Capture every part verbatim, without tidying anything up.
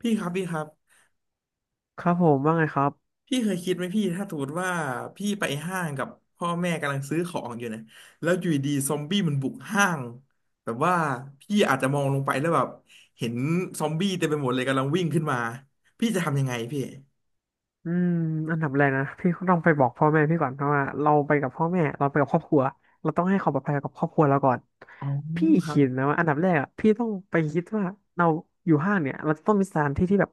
พี่ครับพี่ครับครับผมว่าไงครับพี่เคยคิดไหมพี่ถ้าสมมติว่าพี่ไปห้างกับพ่อแม่กำลังซื้อของอยู่นะแล้วอยู่ดีๆซอมบี้มันบุกห้างแบบว่าพี่อาจจะมองลงไปแล้วแบบเห็นซอมบี้เต็มไปหมดเลยกำลังวิ่งขึ้นมาพี่จะทำยังไงพี่อืมอันดับแรกนะพี่ต้องไปบอกพ่อแม่พี่ก่อนเพราะว่าเราไปกับพ่อแม่เราไปกับครอบครัวเราต้องให้ความปลอดภัยกับครอบครัวเราก่อนอ๋อพี่ครับคิดนะว่าอันดับแรกอะพี่ต้องไปคิดว่าเราอยู่ห้างเนี่ยเราจะต้องมีสถานที่ที่แบบ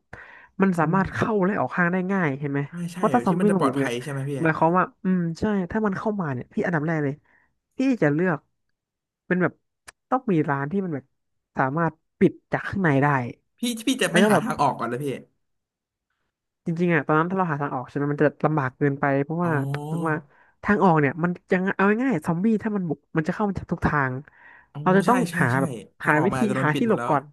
มันสามันมารถเข้าและออกห้างได้ง่ายเห็นไหมใช่ใช่ว่าะถ้าซอที่มมันบี้จะปมาลอบุดกภัเนี่ยยใช่ไหมพี่หมายความว่าอืมใช่ถ้ามันเข้ามาเนี่ยพี่อันดับแรกเลยพี่จะเลือกเป็นแบบต้องมีร้านที่มันแบบสามารถปิดจากข้างในได้พี่พี่จะแล้ไม่วก็หาแบบ ทางออกก่อนเลยพี่จริงๆอ่ะตอนนั้นถ้าเราหาทางออกใช่ไหมมันจะลำบากเกินไปเพราะอ๋ว่าถึงว่าอทางออกเนี่ยมันยังเอาง่ายๆซอมบี้ถ้ามันบุกมันจะเข้ามาจากทุกทางอ๋อเราจะต้ใช่องใช่หาใช่แบบทางหาออกวิมันอาธีจจะโดนหาปิดที่หมหลดบแล้วก่อน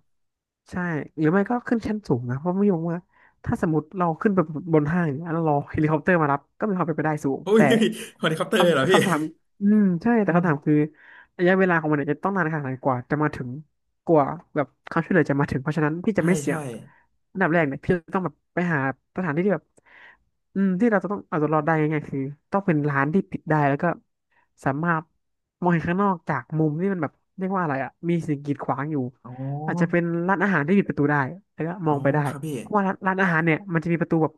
ใช่หรือไม่ก็ขึ้นชั้นสูงนะเพราะไม่รอ้ว่าถ้าสมมติเราขึ้นไปบนห้างเนี่ยแล้วรอเฮลิคอปเตอร์มารับก็มีความเป็นไปได้สูงโอ้ย แต่ เฮลิคอปเตอร์เลยเหรอคำพี่คำถามอืมใช่อืแต่คำถามมคือ ระยะเวลาของมันเนี่ยจะต้องนานขนาดไหนกว่าจะมาถึงกว่าแบบความช่วยเหลือจะมาถึงเพราะฉะนั้นพี่จะใช่ไม่เสี่ยใช่งอันดับแรกเนี่ยพี่จะต้องแบบไปหาสถานที่ที่แบบอืมที่เราจะต้องเอาตัวรอดได้ง่ายๆคือต้องเป็นร้านที่ปิดได้แล้วก็สามารถมองเห็นข้างนอกจากมุมที่มันแบบเรียกว่าอะไรอ่ะมีสิ่งกีดขวางอยู่อ๋อ อาจจะเป็นร้านอาหารที่ปิดประตูได้แล้วก็มอ๋อองไปได้ครับพี่เพราะว่าร้านร้านอาหารเนี่ยมันจะมีประตูแบบ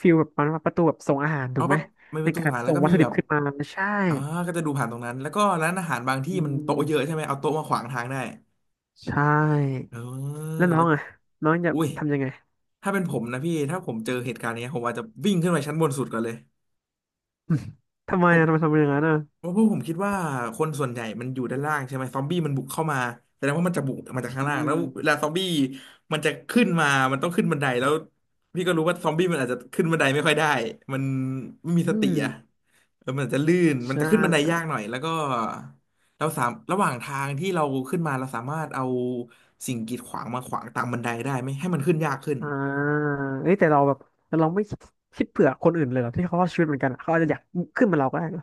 ฟิลแบบประตูแบบส่งอาหารถูเอากแบไหมบมันในเป็นตัวสการงสารแล้ส่วงก็วัตมีถุดิแบบบขึ้นมาใช่อ่าก็จะดูผ่านตรงนั้น แล้วก็ร้านอาหารบางที่อืมันโต๊ะเยอะใช่ม ไหม เอาโต๊ะมาขวางทางได้ ใช่เออ แล้วน้อแล้ว งอ่ะน้องจะอุ้ยทำยังไง ถ้าเป็นผมนะพี่ ถ้าผมเจอเหตุการณ์เนี้ยผมอาจจะวิ่งขึ้นไปชั้นบนสุดก่อนเลย ทำไมผม อ่ะทำไมทำอย่างนั้นอ่ะเพราะพวกผมคิดว่าคนส่วนใหญ่มันอยู่ด้านล่างใช่ไหมซอมบี้มันบุกเข้ามาแสดงว่ามันจะบุกมาจาอืกข้างล่างแล้วเวมลาซอมบี้มันจะขึ้นมา มันต้องขึ้นบันไดแล้วพี่ก็รู้ว่าซอมบี้มันอาจจะขึ้นบันไดไม่ค่อยได้มันไม่มีอืสติมอะแล้วมันอาจจะลื่นมันใช่จะขึ้นบันไดยากหน่อยแล้วก็เราสามระหว่างทางที่เราขึ้นมาเราสามารถเอาสิ่งกีดขวางมาขวางตามบันไดได้ไหมให้มันขึ้นยากขึ้น อ่าเอ้ยแต่เราแบบแต่เราไม่คิดเผื่อคนอื่นเลยเหรอที่เขารอดชีวิตเหมือนกันอะเขาอาจจะอยากขึ้นมาเราก็ได้เหรอ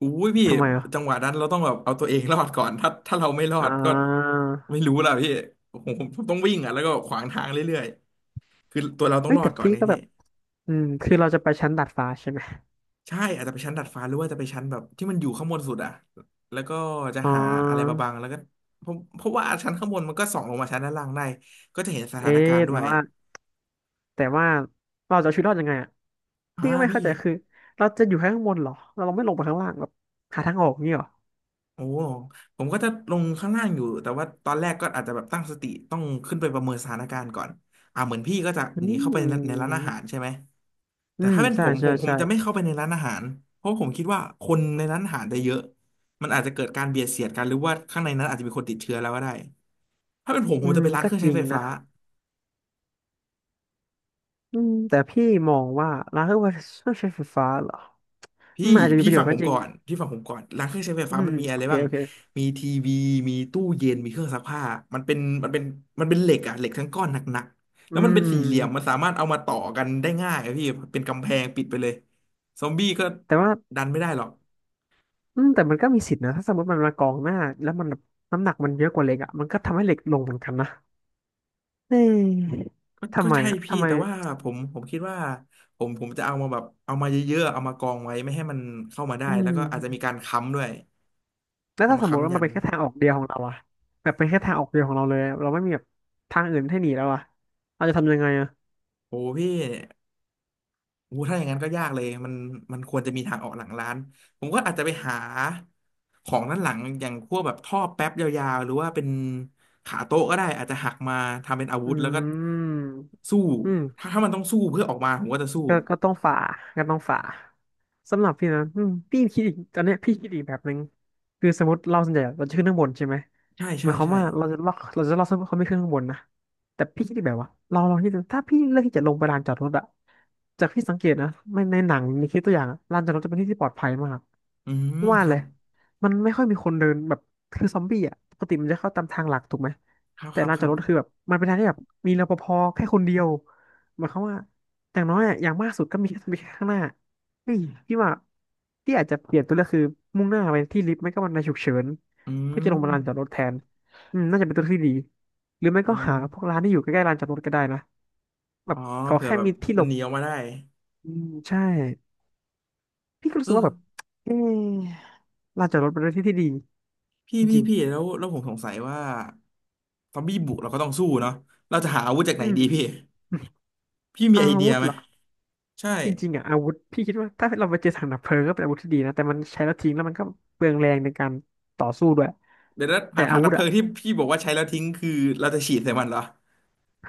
อุ้ยพี่ทำไมอ่ะจังหวะนั้นเราต้องแบบเอาตัวเองรอดก่อนถ้าถ้าเราไม่รออ่ดก็าไม่รู้ล่ะพี่ผมผมผมต้องวิ่งอ่ะแล้วก็ขวางทางเรื่อยๆคือตัวเราต้องเอ้ยรอแต่ดก่อนพี่เนี่ยก็แบพี่บอืมคือเราจะไปชั้นดาดฟ้าใช่ไหมใช่อาจจะไปชั้นดัดฟ้าหรือว่าจะไปชั้นแบบที่มันอยู่ข้างบนสุดอ่ะแล้วก็จะอ๋อหาอะไรมาบังแล้วก็ผมเพราะว่าชั้นข้างบนมันก็ส่องลงมาชั้นด้านล่างได้ก็จะเห็นสเอ๊ถานกาะรณ์ด้แต่วยว่าแต่ว่าเราจะเอาชีวิตรอดยังไงอ่ะอ่าพี่ก็ไม่พี่เข้าใจคือเราจะอยู่แค่ข้างบนเหรอเราไม่ลงไปข้างล่างแบบหาทางออกนี่หรอโอ้ผมก็จะลงข้างล่างอยู่แต่ว่าตอนแรกก็อาจจะแบบตั้งสติต้องขึ้นไปประเมินสถานการณ์ก่อนอ่าเหมือนพี่ก็จะอืหนีเข้าไปในในร้านอาหารม ใช่ไหม อืแต่มถ้าเป็นใช่ผมผใช่มผมใช่จะไม่เข้าไปในร้านอาหารเพราะผมคิดว่าคนในร้านอาหารจะเยอะมันอาจจะเกิดการเบียดเสียดกันหรือว่าข้างในนั้นอาจจะมีคนติดเชื้อแล้วก็ได้ถ้าเป็นผมผอืมจะมไปร้านก็เครื่องจใช้ริงไฟนะฟ้าอืมแต่พี่มองว่าร้านเครื่องใช้ไฟฟ้าเหรอพี่อืมันอาจจะมีพี่ประโยฟัชงน์ผก็มจริก่งอนพี่ฟังผมก่อนร้านเครื่องใช้ไฟอืฟ้ามมันมีโออะไรเคบ้างโอเคมีทีวีมีตู้เย็นมีเครื่องซักผ้ามันเป็นมันเป็นมันเป็นเหล็กอะเหล็กทั้งก้อนหนักๆอืแล้วมันเป็นสี่เหลี่ยมมมันสามารถเอามาต่อกันได้ง่ายอะพี่เป็นกำแพงปิดไปเลยซอมบี้ก็แต่ว่าดันไม่ได้หรอก อืมแต่มันก็มีสิทธินะถ้าสมมติมันมากองหน้าแล้วมันแบบน้ำหนักมันเยอะกว่าเหล็กอ่ะมันก็ทำให้เหล็กลงเหมือนกันนะเอ๊ะก็ทำก็ไมใช่อ่ะพี่ทำไมแต่ว่าผมผมคิดว่าผมผมจะเอามาแบบเอามาเยอะๆเอามากองไว้ไม่ให้มันเข้ามาได้อืแล้วมก็อาจจะมีการค้ำด้วยแล้วเอาถ้ามาสมมติว่าค้ำมัยันนเป็นแค่ทางออกเดียวของเราอะแบบเป็นแค่ทางออกเดียวของเราเลยอะเราไม่มีแบบทางอื่นให้หนีแล้วอะเราจะทำยังไงอะโอ้พี่โอ้ถ้าอย่างนั้นก็ยากเลยมันมันควรจะมีทางออกหลังร้านผมก็อาจจะไปหาของด้านหลังอย่างพวกแบบท่อแป๊บยาวๆหรือว่าเป็นขาโต๊ะก็ได้อาจจะหักมาทำเป็นอาวุธอืแล้วก็มสู้อืม ถ้าถ้ามันต้องสู้เพื่อออกมาผมก็จะสู้ก็ก็ต้องฝ่าก็ต้องฝ่าสำหรับพี่นะอืมพี่คิดอีกตอนเนี้ยพี่คิดอีกแบบหนึ่งคือสมมติเราส่วนใหญ่เราจะขึ้นข้างบนใช่ไหมใช่หมาใช่ยความใช่ว่าเราจะล็อกเราจะล็อกเซิร์ฟเวอร์เขาไม่ขึ้นข้างบนนะแต่พี่คิดอีกแบบว่าเราลองคิดดูถ้าพี่เลือกที่จะลงไปลานจอดรถอะจากที่สังเกตนะไม่ในหนังในคลิปตัวอย่างอะลานจอดรถจะเป็นที่ที่ปลอดภัยมากอืมว่าครัเลบยมันไม่ค่อยมีคนเดินแบบคือซอมบี้อะปกติมันจะเข้าตามทางหลักถูกไหมครับแต่ครับลานคจอรัดบรถคือแบบมันเป็นทางที่แบบมีรปภแค่คนเดียวหมายความว่า อย่างน้อยอะอย่างมากสุดก็มีแค่มีแค่ข้างหน้าเฮ้ยพี่ว่าพี่อาจจะเปลี่ยนตัวเลือกคือมุ่งหน้าไปที่ลิฟต์ไม่ก็บันไดฉุกเฉินอืเพื่อจะลงมาม ลานจอดรถแทน อืมน่าจะเป็นตัวเลือกที่ดีหรือไม่อ๋อก็หาพวกร้านที่อยู่ใกล้ๆลานจอดรถก็ได้นะแบอ๋บอขอเผื่อแค่แบบมีที่หลมันบหนีออกมาได้อืมใช่พี่ก็รู้เอสึกอว่าแบบเออลานจอดรถเป็นเื่อที่ที่ดีพี่จพี่ริงพี่แล้วแล้วผมสงสัยว่าซอมบี้บุกเราก็ต้องสู้เนาะเราจะหาอาวุธจากๆไหนอืดีมพี่พี่มีอาไอเดีวุยธไหมเหรอใช่จริงๆอ่ะอาวุธพี่คิดว่าถ้าเราไปเจอถังดับเพลิงก็เป็นอาวุธที่ดีนะแต่มันใช้แล้วทิ้งแล้วมันก็เปลืองแรงในการต่อสู้ด้วยเดี๋ยวนะถัแต่งถัอางวุดับธเพลิอ่ะ งที่พี่บอกว่าใช้แล้วทิ้งคือเราจะฉีดใส่มันเหรอ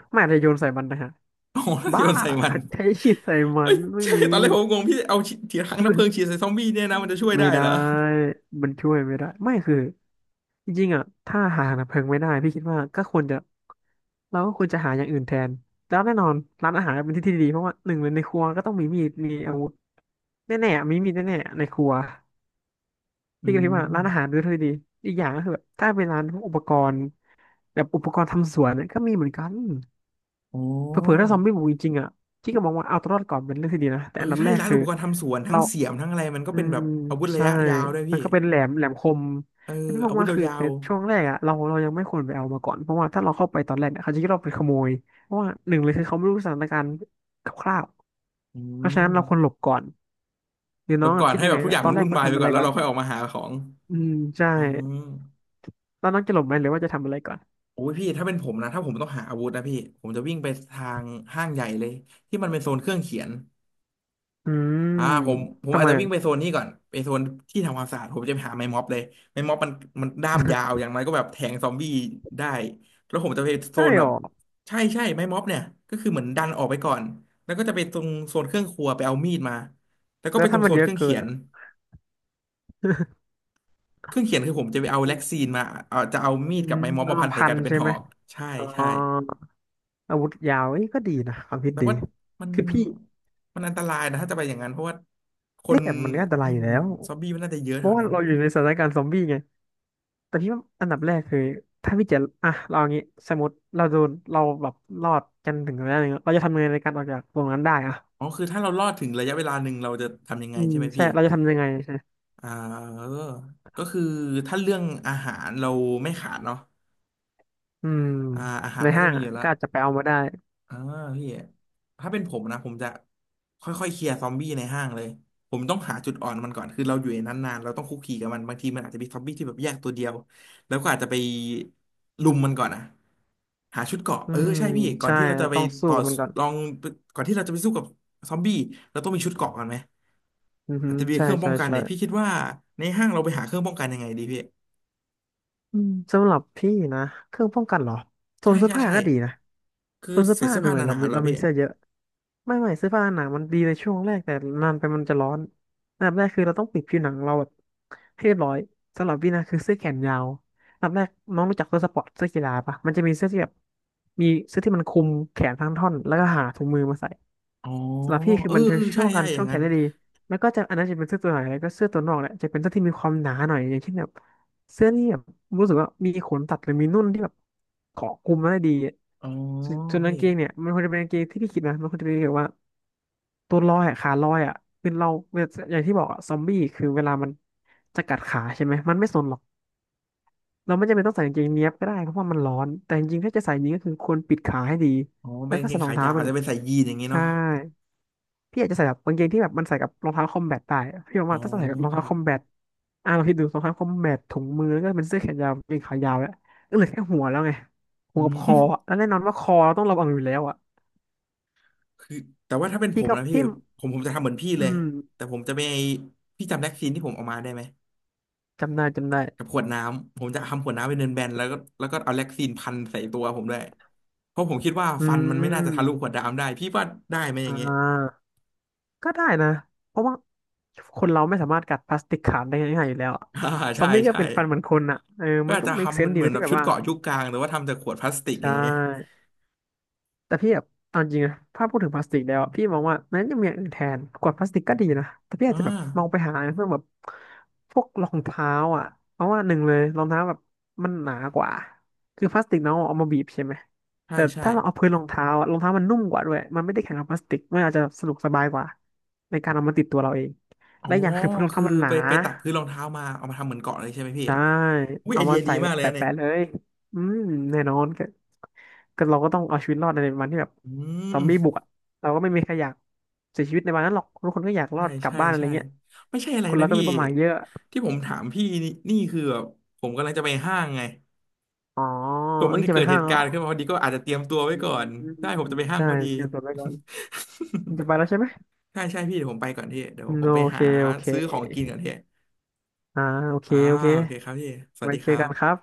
ไม่อาจจะโยนใส่มันนะฮะโอ้ โหเราบ้าโยนใส่มันใคัดใช้ชีดใส่มัเอ้ยนไม่ใช่มีตอนแรกผมงงพี่เอาฉีดถังดับเพลิงฉีดใส่ซอมบี้เนี่ยนะมันจะช่วยไม่ได้ได้เหรอมันช่วยไม่ได้ไม่คือจริงๆอ่ะถ้าหาดับเพลิงไม่ได้พี่คิดว่าก็ควรจะเราก็ควรจะหาอย่างอื่นแทนแล้วแน่นอนร้านอาหารเป็นที่ที่ดีเพราะว่าหนึ่งเลยในครัวก็ต้องมีมีดมีอาวุธแน่ๆมีมีดแน่ๆในครัวอืพี่ก็คิดว่ามร้านอาหารด้วยที่ดีอีกอย่างก็คือแบบถ้าเป็นร้านพวกอุปกรณ์แบบอุปกรณ์ทำสวนเนี่ยก็มีเหมือนกัน โอ้เผื่อๆถ้าซอมบี้บุกจริงๆอ่ะพี่ก็มองว่าเอาตัวรอดก่อนเป็นเรื่องที่ดีนะแต่เอออันดับใช่แรกร้านคือุอปกรณ์ทำสวนทั้เรางเสียมทั้งอะไรมันก็อืเป็นมแบบอาวุธระใช่ยะยาวด้วยมัพี่นก็เป็นแหลมแหลมคมเออแล้วพี่มออางวุธว่าคือยาในว ช่วงแรกอ่ะเราเรายังไม่ควรไปเอามาก่อนเพราะว่าถ้าเราเข้าไปตอนแรกเนี่ยเขาจะคิดเราเป็นขโมยเพราะว่าหนึ่งเลยคือเขาไม่รู้สถานการณ์คร่าวอืๆเพราะฉะนั้นมเราควรหลบก่อนหรือลน้อบงก่อะอนคิดให้ยังแบไงบทุกอย่างตอมันนแรกวุ่นควรวายไปทำอะก่อไรนแล้วก่อนเราค่อยออกมาหาของอืมใช่อ๋อแล้วน้องจะหลบไหมหรือว่าจะทำอะไรก่อนโอ้ยพี่ถ้าเป็นผมนะถ้าผมต้องหาอาวุธนะพี่ผมจะวิ่งไปทางห้างใหญ่เลยที่มันเป็นโซนเครื่องเขียนอืมอ่าผมผมทำอาจไมจะวิ่อะงไปโซนนี้ก่อนไปโซนที่ทำความสะอาดผมจะไปหาไม้ม็อบเลยไม้ม็อบมันมันด้ามยาวอย่างไรก็แบบแทงซอมบี้ได้แล้วผมจะไปโซใช่นแบหรบอใช่ใช่ไม้ม็อบเนี่ยก็คือเหมือนดันออกไปก่อนแล้วก็จะไปตรงโซนเครื่องครัวไปเอามีดมาแล้วก็แล้ไปวตรถ้างมัโซนนเยเคอะรื่องเกิเขีนยน อ่ะ เครื่องเขียนคือผมจะไปเอาแล็กซีนมาเอาจะเอา มีอืดกัมบไม้ม็อบประมามาพัณนใส่พักันนเป็นใช่หไหอม กใช่อ๋อใช่ อาวุธยาวเอ้ยก็ดีนะความคิดแต่ดีว่ามันคือพี่มันอันตรายนะถ้าจะไปอย่างนั้นเพราะว่าคเอ๊ะนแต่มันก็อันตราอืยอยู่มแล้วซอมบี้มันน่าจะเยอะเพแถราะวว่านั้นเราอยู่ในสถานการณ์ซอมบี้ไงแต่พี่ว่าอันดับแรกคือถ้าพี่จะอ่ะเราอย่างงี้สมมติเราโดนเราแบบรอดกันถึงระยะหนึงเราจะทำยังไงในการออกจากตรงนั้นได้อ่ะอ๋อคือถ้าเรารอดถึงระยะเวลาหนึ่งเราจะทำยังไงอืมใช่ไหมใช่พี่ เราจะทำยังไงใช่อ่าเออก็คือถ้าเรื่องอาหารเราไม่ขาดเนาะอืมอ่าอาหารในน่าจะห้างมีออ่ะยู่แล้ว ก็อาจจะไปเอามาได้อ่าพี่ถ้าเป็นผมนะผมจะค่อยๆเคลียร์ซอมบี้ในห้างเลยผมต้องหาจุดอ่อนมันก่อนคือเราอยู่ในนั้นนานเราต้องคุกคีกับมันบางทีมันอาจจะมีซอมบี้ที่แบบแยกตัวเดียวแล้วก็อาจจะไปลุมมันก่อนอะหาชุดเกราะอืเออมใช่พี่ก่อนใช่ที่เราจะเราไปต้องสู้ต่อกับมันก่อนลองก่อนที่เราจะไปสู้กับซอมบี้เราต้องมีชุดเกราะก่อนไหมอือฮึอาจจะมีใช่เครื่องป้อใช่งกันใช่ เนี่ยพี่คิดว่าในห้างเราไปหาเครื่องป้องกันยังไงดีพี่อืมสำหรับพี่นะเครื่องป้องกันเหรอโซใช่นเสื้อใช่ผ้าใช่ก็ดีนะคือโซนเสื้อใส่ผ้าเสื้อหนึ่งผ้าหเลยเรานามีๆเหรอเราพี่มีเสื้อเยอะไม่ไม่เสื้อผ้าหนามันดีในช่วงแรกแต่นานไปมันจะร้อนอันดับแรกคือเราต้องปิดผิวหนังเราแบบให้เรียบร้อยสำหรับพี่นะคือเสื้อแขนยาวอันดับแรกน้องรู้จักเสื้อสปอร์ตเสื้อกีฬาปะมันจะมีเสื้อที่แบบมีเสื้อที่มันคลุมแขนทั้งท่อนแล้วก็หาถุงมือมาใส่ อ๋อสำหรับพี่คืเอออมันจะเออช่ใช่วงกาใช่รอช่ย่าวงงแขนั้นน ได้ดีแล้วก็จะอันนั้นจะเป็นเสื้อตัวไหนแล้วก็เสื้อตัวนอกแหละจะเป็นเสื้อที่มีความหนาหน่อยอย่างเช่นแบบเสื้อนี่แบบรู้สึกว่ามีขนตัดหรือมีนุ่นที่แบบเกาะกลุมมาได้ดีอะอ๋อส่วนส่วนกาพี่งเกงเนี่ยมันควรจะเป็นกางเกงที่พี่คิดนะมันควรจะเป็นแบบว่าตัวลอยอะขาลอยอะคือเราอย่างที่บอกอะซอมบี้คือเวลามันจะกัดขาใช่ไหมมันไม่สนหรอกเราไม่จำเป็นต้องใส่กางเกงเนี้ยบก็ได้เพราะว่ามันร้อนแต่จริงๆถ้าจะใส่จริงก็คือควรปิดขาให้ดีอ๋อแล้เป็นวกาก็งเกใส่งรอขางเท้ายาวเป็อานจแบจะบเป็นใส่ยีนอย่างงี้ใช่ เนาะพี่อาจจะใส่แบบกางเกงที่แบบมันใส่กับรองเท้าคอมแบทได้พี่บอกอ๋อว่าถ้าใส่กับรองเท้าครัคบอมแบทอ่ะลองคิดดูรองเท้าคอมแบทถุงมือแล้วก็เป็นเสื้อแขนยาวกางเกงขายาวแล้วก็เหลือแค่หัวแล้วไงหัอืวกับม คอ อะแล้วแน่นอนว่าคอเราต้องระวังอยู่แล้วอ่ะคือแต่ว่าถ้าเป็นผพี่มก็นะพี่พี่ผมผมจะทำเหมือนพี่อืเลยมแต่ผมจะไม่พี่จำแล็กซีนที่ผมเอามาได้ไหมจำได้จำได้กับขวดน้ำผมจะทำขวดน้ำเป็นเบนๆแล้วก็แล้วก็เอาแล็กซีนพันใส่ตัวผมด้วยเพราะผมคิดว่าอืฟันมันไม่น่าจะทะลุมขวดน้ำได้พี่ว่าได้ไหมออ่ย่างเงี้ย าก็ได้นะเพราะว่าคนเราไม่สามารถกัดพลาสติกขาดได้ง่ายๆอยู่แล้วอะ อ่าซอใช่มบี้ก็ใช่เป็นฟันเหมือนคนอ่ะเออก็มันอาจก็ จะ make ทำมั sense นดีเหมือนนะแบที่บแบบชุดว่าเกราะยุคกลางหรือว่าทำจากขวดพลาสติกอใช่ ย่างเงี้ยแต่พี่แบบเอาจริงนะถ้าพูดถึงพลาสติกแล้วอะพี่มองว่ามันยังมีอย่างอื่นแทนขวดพลาสติกก็ดีนะแต่พี่อาจอ่าจะแบบมองไปหาเพื่อแบบพวกรองเท้าอ่ะเพราะว่าหนึ่งเลยรองเท้าแบบมันหนากว่าคือพลาสติกน้องเอามาบีบใช่ไหมใช่แต่ใช่ ถ้าเราเอาพื้นรองเท้าอะรองเท้ามันนุ่มกว่าด้วยมันไม่ได้แข็งกับพลาสติกมันอาจจะสะดวกสบายกว่าในการเอามาติดตัวเราเองอ๋อและอย่างคือพื้นรองคืเท้าอมันหไปนา ไปตัดพื้นรองเท้ามาเอามาทำเหมือนเกาะเลยใช่ไหมพี่ใช่ อุ้ยไอเอาเดีมายดีใส่แบมากบเลยแปนะเนี่ยะๆเลยอืมแน่นอนก็ก็เราก็ต้องเอาชีวิตรอดในวันที่แบบอืซอมบี้บุมกอ่ะเราก็ไม่มีใครอยากเสียชีวิตในวันนั้นหรอกทุกคนก็อยากรใช่อดกลับใช่บ้านอะไรใช่เงี้ยไม่ใช่อะไรคนนะเราก็พี่มีเป้าหมายเยอะที่ผมถามพี่นี่นี่คือแบบผมกำลังจะไปห้างไงอ๋อ ผมมัเอ้นยจะเกิไปดเหห้างตุแล้วการเหรอณ์ขึ้นมาพอดีก็อาจจะเตรียมตัวไว้อืก่อนมได้ผมจะไปห้างใช่พอดี เตรียมตัวไว้ก่อนคุณจะ ไปแล้วใช่ไหมใช่ใช่พี่เดี๋ยวผมไปก่อนพี่เดี๋ยวอืผมมไปโอเคหาโอเคซื้อของกินก่อนพี่อ่าโอเคอ่าโอเคโอเคครับพี่สวัสไว้ดีคเจอรักันคบรับ